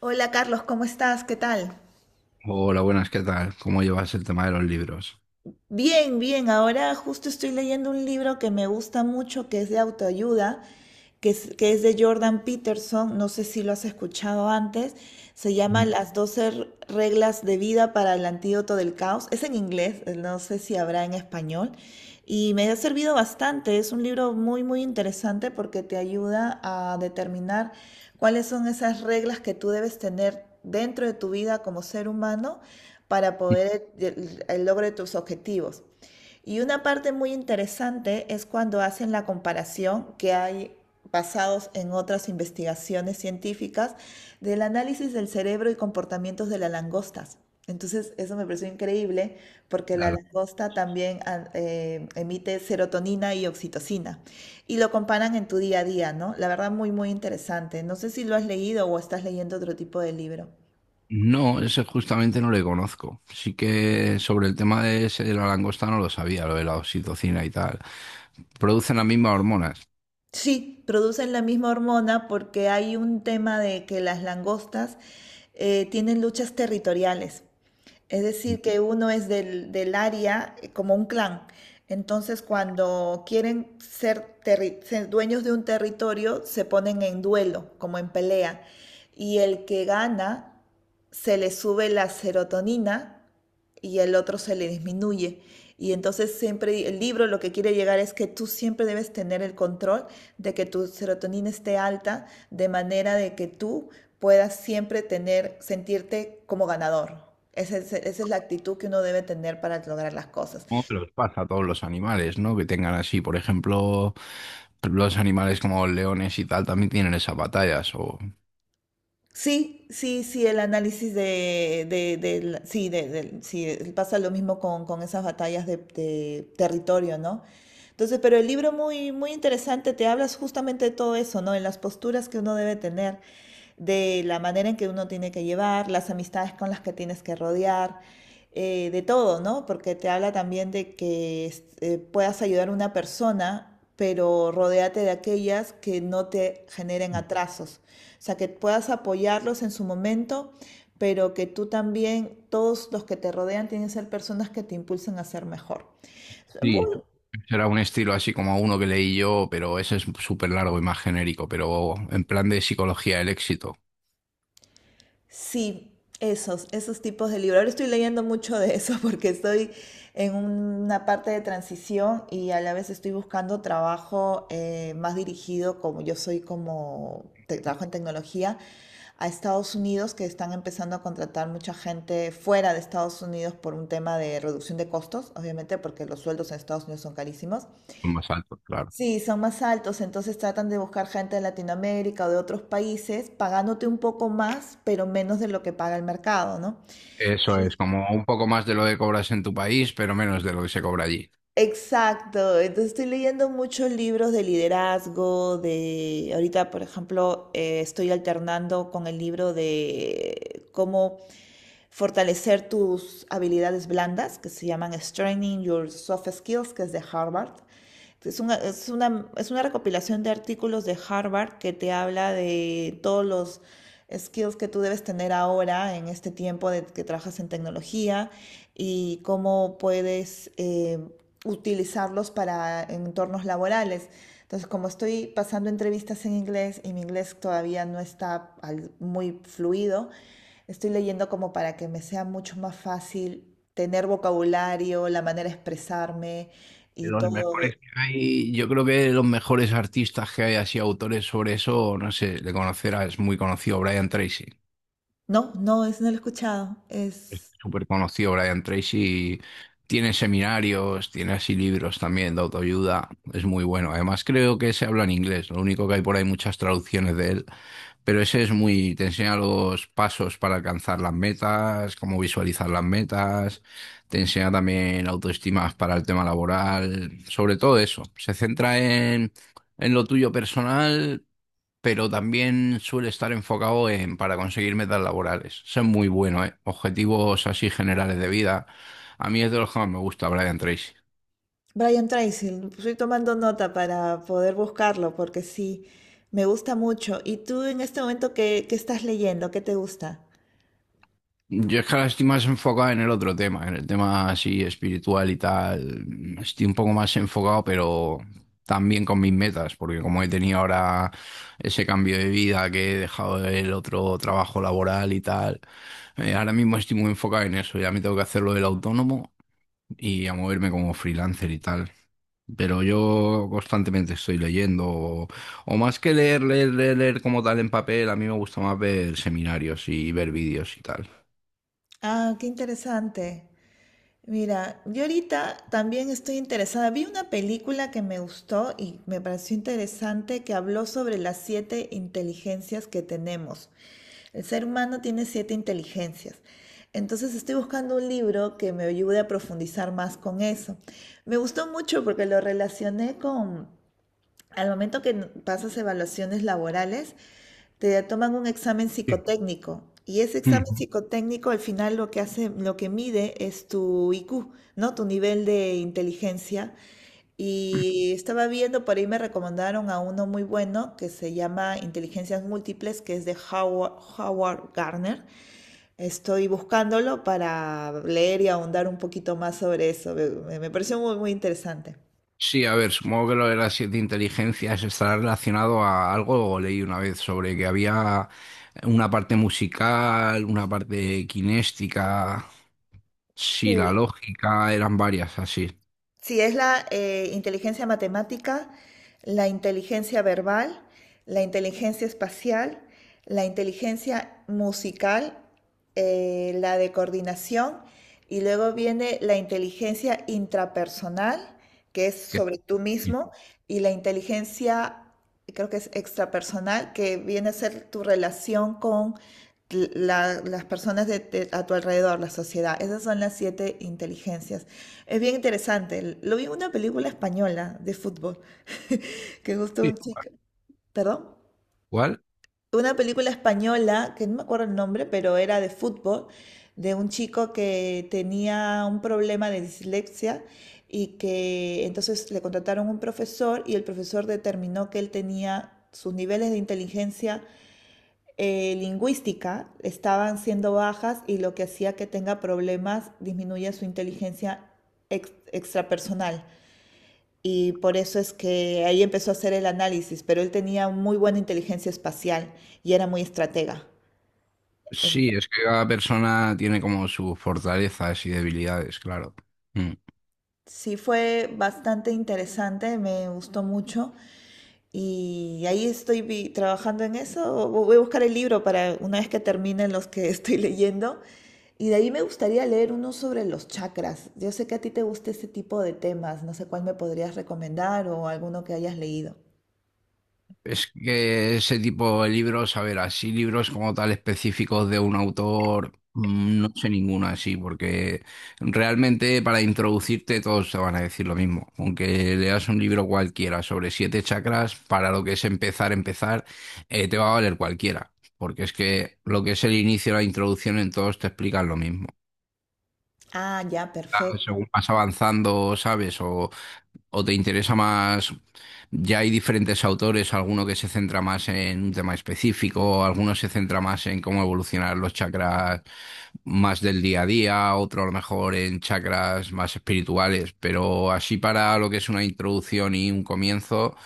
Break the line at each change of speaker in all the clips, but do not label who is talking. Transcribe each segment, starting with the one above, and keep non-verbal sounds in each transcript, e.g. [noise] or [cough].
Hola Carlos, ¿cómo estás? ¿Qué tal?
Hola, buenas, ¿qué tal? ¿Cómo llevas el tema de los libros?
Bien, bien. Ahora justo estoy leyendo un libro que me gusta mucho, que es de autoayuda, que es de Jordan Peterson. No sé si lo has escuchado antes. Se
[laughs]
llama
Mm.
Las 12 reglas de vida para el antídoto del caos. Es en inglés, no sé si habrá en español. Y me ha servido bastante. Es un libro muy, muy interesante porque te ayuda a determinar cuáles son esas reglas que tú debes tener dentro de tu vida como ser humano para poder el logro de tus objetivos. Y una parte muy interesante es cuando hacen la comparación que hay basados en otras investigaciones científicas del análisis del cerebro y comportamientos de las langostas. Entonces, eso me pareció increíble porque la
Claro.
langosta también emite serotonina y oxitocina y lo comparan en tu día a día, ¿no? La verdad, muy, muy interesante. No sé si lo has leído o estás leyendo otro tipo de libro.
No, ese justamente no le conozco. Sí que sobre el tema de ese de la langosta no lo sabía, lo de la oxitocina y tal. Producen las mismas hormonas.
Sí, producen la misma hormona porque hay un tema de que las langostas tienen luchas territoriales. Es decir, que uno es del área como un clan. Entonces, cuando quieren ser dueños de un territorio, se ponen en duelo, como en pelea. Y el que gana se le sube la serotonina y el otro se le disminuye. Y entonces siempre el libro lo que quiere llegar es que tú siempre debes tener el control de que tu serotonina esté alta, de manera de que tú puedas siempre sentirte como ganador. Esa es la actitud que uno debe tener para lograr las cosas.
Como que los pasa a todos los animales, ¿no? Que tengan así, por ejemplo, los animales como leones y tal también tienen esas batallas. O...
Sí, sí, sí, el análisis sí, pasa lo mismo con esas batallas de territorio, ¿no? Entonces, pero el libro muy, muy interesante, te hablas justamente de todo eso, ¿no? En las posturas que uno debe tener, de la manera en que uno tiene que llevar, las amistades con las que tienes que rodear, de todo, ¿no? Porque te habla también de que puedas ayudar a una persona, pero rodéate de aquellas que no te generen atrasos o sea, que puedas apoyarlos en su momento, pero que tú también, todos los que te rodean tienen que ser personas que te impulsen a ser mejor.
Sí.
Muy-
Será un estilo así como uno que leí yo, pero ese es súper largo y más genérico, pero en plan de psicología del éxito.
sí, esos tipos de libros. Ahora estoy leyendo mucho de eso [laughs] porque estoy en una parte de transición y a la vez estoy buscando trabajo más dirigido, como yo soy trabajo en tecnología, a Estados Unidos, que están empezando a contratar mucha gente fuera de Estados Unidos por un tema de reducción de costos, obviamente, porque los sueldos en Estados Unidos son carísimos.
Son más altos, claro.
Sí, son más altos, entonces tratan de buscar gente de Latinoamérica o de otros países, pagándote un poco más, pero menos de lo que paga el mercado, ¿no?
Eso es,
Sí.
como un poco más de lo que cobras en tu país, pero menos de lo que se cobra allí.
Exacto, entonces estoy leyendo muchos libros de liderazgo, de ahorita, por ejemplo, estoy alternando con el libro de cómo fortalecer tus habilidades blandas, que se llaman Strengthening Your Soft Skills, que es de Harvard. Es una recopilación de artículos de Harvard que te habla de todos los skills que tú debes tener ahora en este tiempo de que trabajas en tecnología y cómo puedes utilizarlos para entornos laborales. Entonces, como estoy pasando entrevistas en inglés y mi inglés todavía no está muy fluido, estoy leyendo como para que me sea mucho más fácil tener vocabulario, la manera de expresarme
De
y
los
todo.
mejores que hay, yo creo que de los mejores artistas que hay, así autores sobre eso, no sé, de es muy conocido Brian Tracy.
No, es no lo he escuchado.
Es
Es
súper conocido Brian Tracy y tiene seminarios, tiene así libros también de autoayuda, es muy bueno. Además creo que se habla en inglés, lo único que hay por ahí muchas traducciones de él, pero ese es muy, te enseña los pasos para alcanzar las metas, cómo visualizar las metas, te enseña también autoestima para el tema laboral, sobre todo eso. Se centra en lo tuyo personal, pero también suele estar enfocado en para conseguir metas laborales. Eso es muy bueno, ¿eh? Objetivos así generales de vida. A mí es de los que más me gusta Brian Tracy.
Brian Tracy. Estoy tomando nota para poder buscarlo porque sí, me gusta mucho. ¿Y tú en este momento qué estás leyendo? ¿Qué te gusta?
Yo es que ahora estoy más enfocado en el otro tema, en el tema así espiritual y tal. Estoy un poco más enfocado, pero también con mis metas, porque como he tenido ahora ese cambio de vida que he dejado el otro trabajo laboral y tal, ahora mismo estoy muy enfocado en eso. Ya me tengo que hacer lo del autónomo y a moverme como freelancer y tal. Pero yo constantemente estoy leyendo, o más que leer como tal en papel, a mí me gusta más ver seminarios y ver vídeos y tal.
Ah, qué interesante. Mira, yo ahorita también estoy interesada. Vi una película que me gustó y me pareció interesante que habló sobre las siete inteligencias que tenemos. El ser humano tiene siete inteligencias. Entonces estoy buscando un libro que me ayude a profundizar más con eso. Me gustó mucho porque lo relacioné con, al momento que pasas evaluaciones laborales, te toman un examen
Sí.
psicotécnico y ese examen
Ujú.
psicotécnico al final lo que hace, lo que mide es tu IQ, ¿no? Tu nivel de inteligencia. Y estaba viendo, por ahí me recomendaron a uno muy bueno que se llama Inteligencias Múltiples, que es de Howard Gardner. Estoy buscándolo para leer y ahondar un poquito más sobre eso. Me pareció muy, muy interesante.
Sí, a ver, supongo que lo de las 7 inteligencias estará relacionado a algo, o leí una vez sobre que había una parte musical, una parte kinéstica,
Sí,
sí, la lógica, eran varias así.
sí, es la inteligencia matemática, la inteligencia verbal, la inteligencia espacial, la inteligencia musical, la de coordinación y luego viene la inteligencia intrapersonal, que es
Que-
sobre tú mismo, y la inteligencia, creo que es extrapersonal, que viene a ser tu relación con las personas a tu alrededor, la sociedad. Esas son las siete inteligencias. Es bien interesante. Lo vi en una película española de fútbol, [laughs] que justo
Sí.
un chico, perdón,
¿Cuál?
una película española, que no me acuerdo el nombre, pero era de fútbol, de un chico que tenía un problema de dislexia y que entonces le contrataron un profesor y el profesor determinó que él tenía sus niveles de inteligencia lingüística estaban siendo bajas y lo que hacía que tenga problemas disminuye su inteligencia extrapersonal. Y por eso es que ahí empezó a hacer el análisis, pero él tenía muy buena inteligencia espacial y era muy estratega. En-
Sí, es que cada persona tiene como sus fortalezas y debilidades, claro. Mm.
Sí, fue bastante interesante, me gustó mucho y ahí estoy trabajando en eso. Voy a buscar el libro para una vez que terminen los que [laughs] estoy leyendo. Y de ahí me gustaría leer uno sobre los chakras. Yo sé que a ti te gusta ese tipo de temas, no sé cuál me podrías recomendar o alguno que hayas leído.
Es que ese tipo de libros, a ver, así libros como tal específicos de un autor, mm, no sé ninguna así, porque realmente para introducirte todos te van a decir lo mismo. Aunque leas un libro cualquiera sobre 7 chakras, para lo que es empezar, te va a valer cualquiera. Porque es que lo que es el inicio, la introducción, en todos te explican lo mismo.
Ah, ya,
Claro,
perfecto.
según vas avanzando, ¿sabes? O te interesa más, ya hay diferentes autores, alguno que se centra más en un tema específico, alguno se centra más en cómo evolucionar los chakras más del día a día, otro a lo mejor en chakras más espirituales, pero así para lo que es una introducción y un comienzo,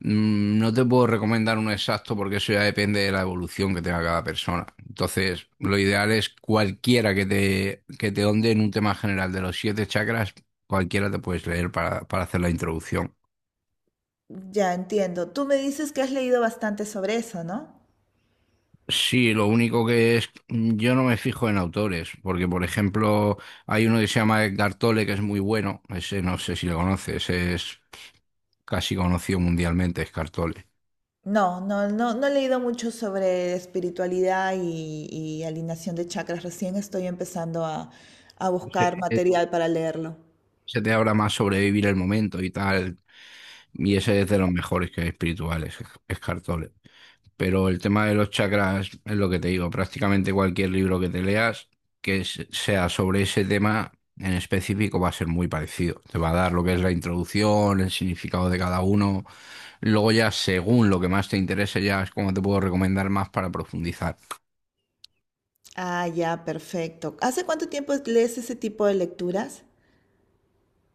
mm, no te puedo recomendar uno exacto porque eso ya depende de la evolución que tenga cada persona. Entonces, lo ideal es cualquiera que que te onde en un tema general de los 7 chakras, cualquiera te puedes leer para hacer la introducción.
Ya entiendo. Tú me dices que has leído bastante sobre eso, ¿no?
Sí, lo único que es, yo no me fijo en autores, porque por ejemplo hay uno que se llama Edgar Tolle que es muy bueno, ese no sé si lo conoces, es casi conocido mundialmente, Edgar Tolle.
No, no, no, no he leído mucho sobre espiritualidad y alineación de chakras. Recién estoy empezando a buscar
Eh,
material para leerlo.
Se te habla más sobre vivir el momento y tal, y ese es de los mejores que espirituales, Edgar Tolle. Pero el tema de los chakras es lo que te digo, prácticamente cualquier libro que te leas sea sobre ese tema en específico va a ser muy parecido. Te va a dar lo que es la introducción, el significado de cada uno. Luego ya según lo que más te interese ya es como te puedo recomendar más para profundizar.
Ah, ya, perfecto. ¿Hace cuánto tiempo lees ese tipo de lecturas?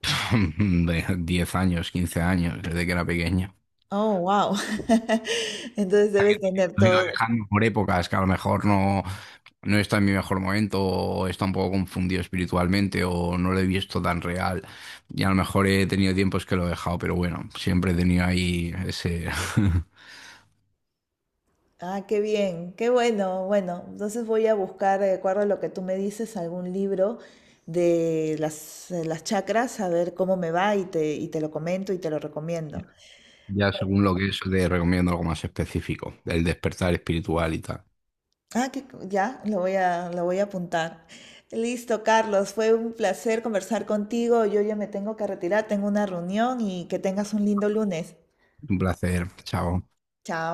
[laughs] De 10 años, 15 años, desde que era pequeño.
Oh, wow. [laughs] Entonces debes tener
Lo he ido
todo.
dejando por épocas que a lo mejor no está en mi mejor momento o está un poco confundido espiritualmente o no lo he visto tan real. Y a lo mejor he tenido tiempos que lo he dejado, pero bueno, siempre he tenido ahí ese... [laughs]
Ah, qué bien, qué bueno. Bueno, entonces voy a buscar, de acuerdo a lo que tú me dices, algún libro de las chakras, a ver cómo me va y te lo comento y te lo recomiendo.
Ya según lo que es, te recomiendo algo más específico, el despertar espiritual y tal.
Lo voy lo voy a apuntar. Listo, Carlos, fue un placer conversar contigo. Yo ya me tengo que retirar, tengo una reunión y que tengas un lindo lunes.
Un placer, chao.
Chao.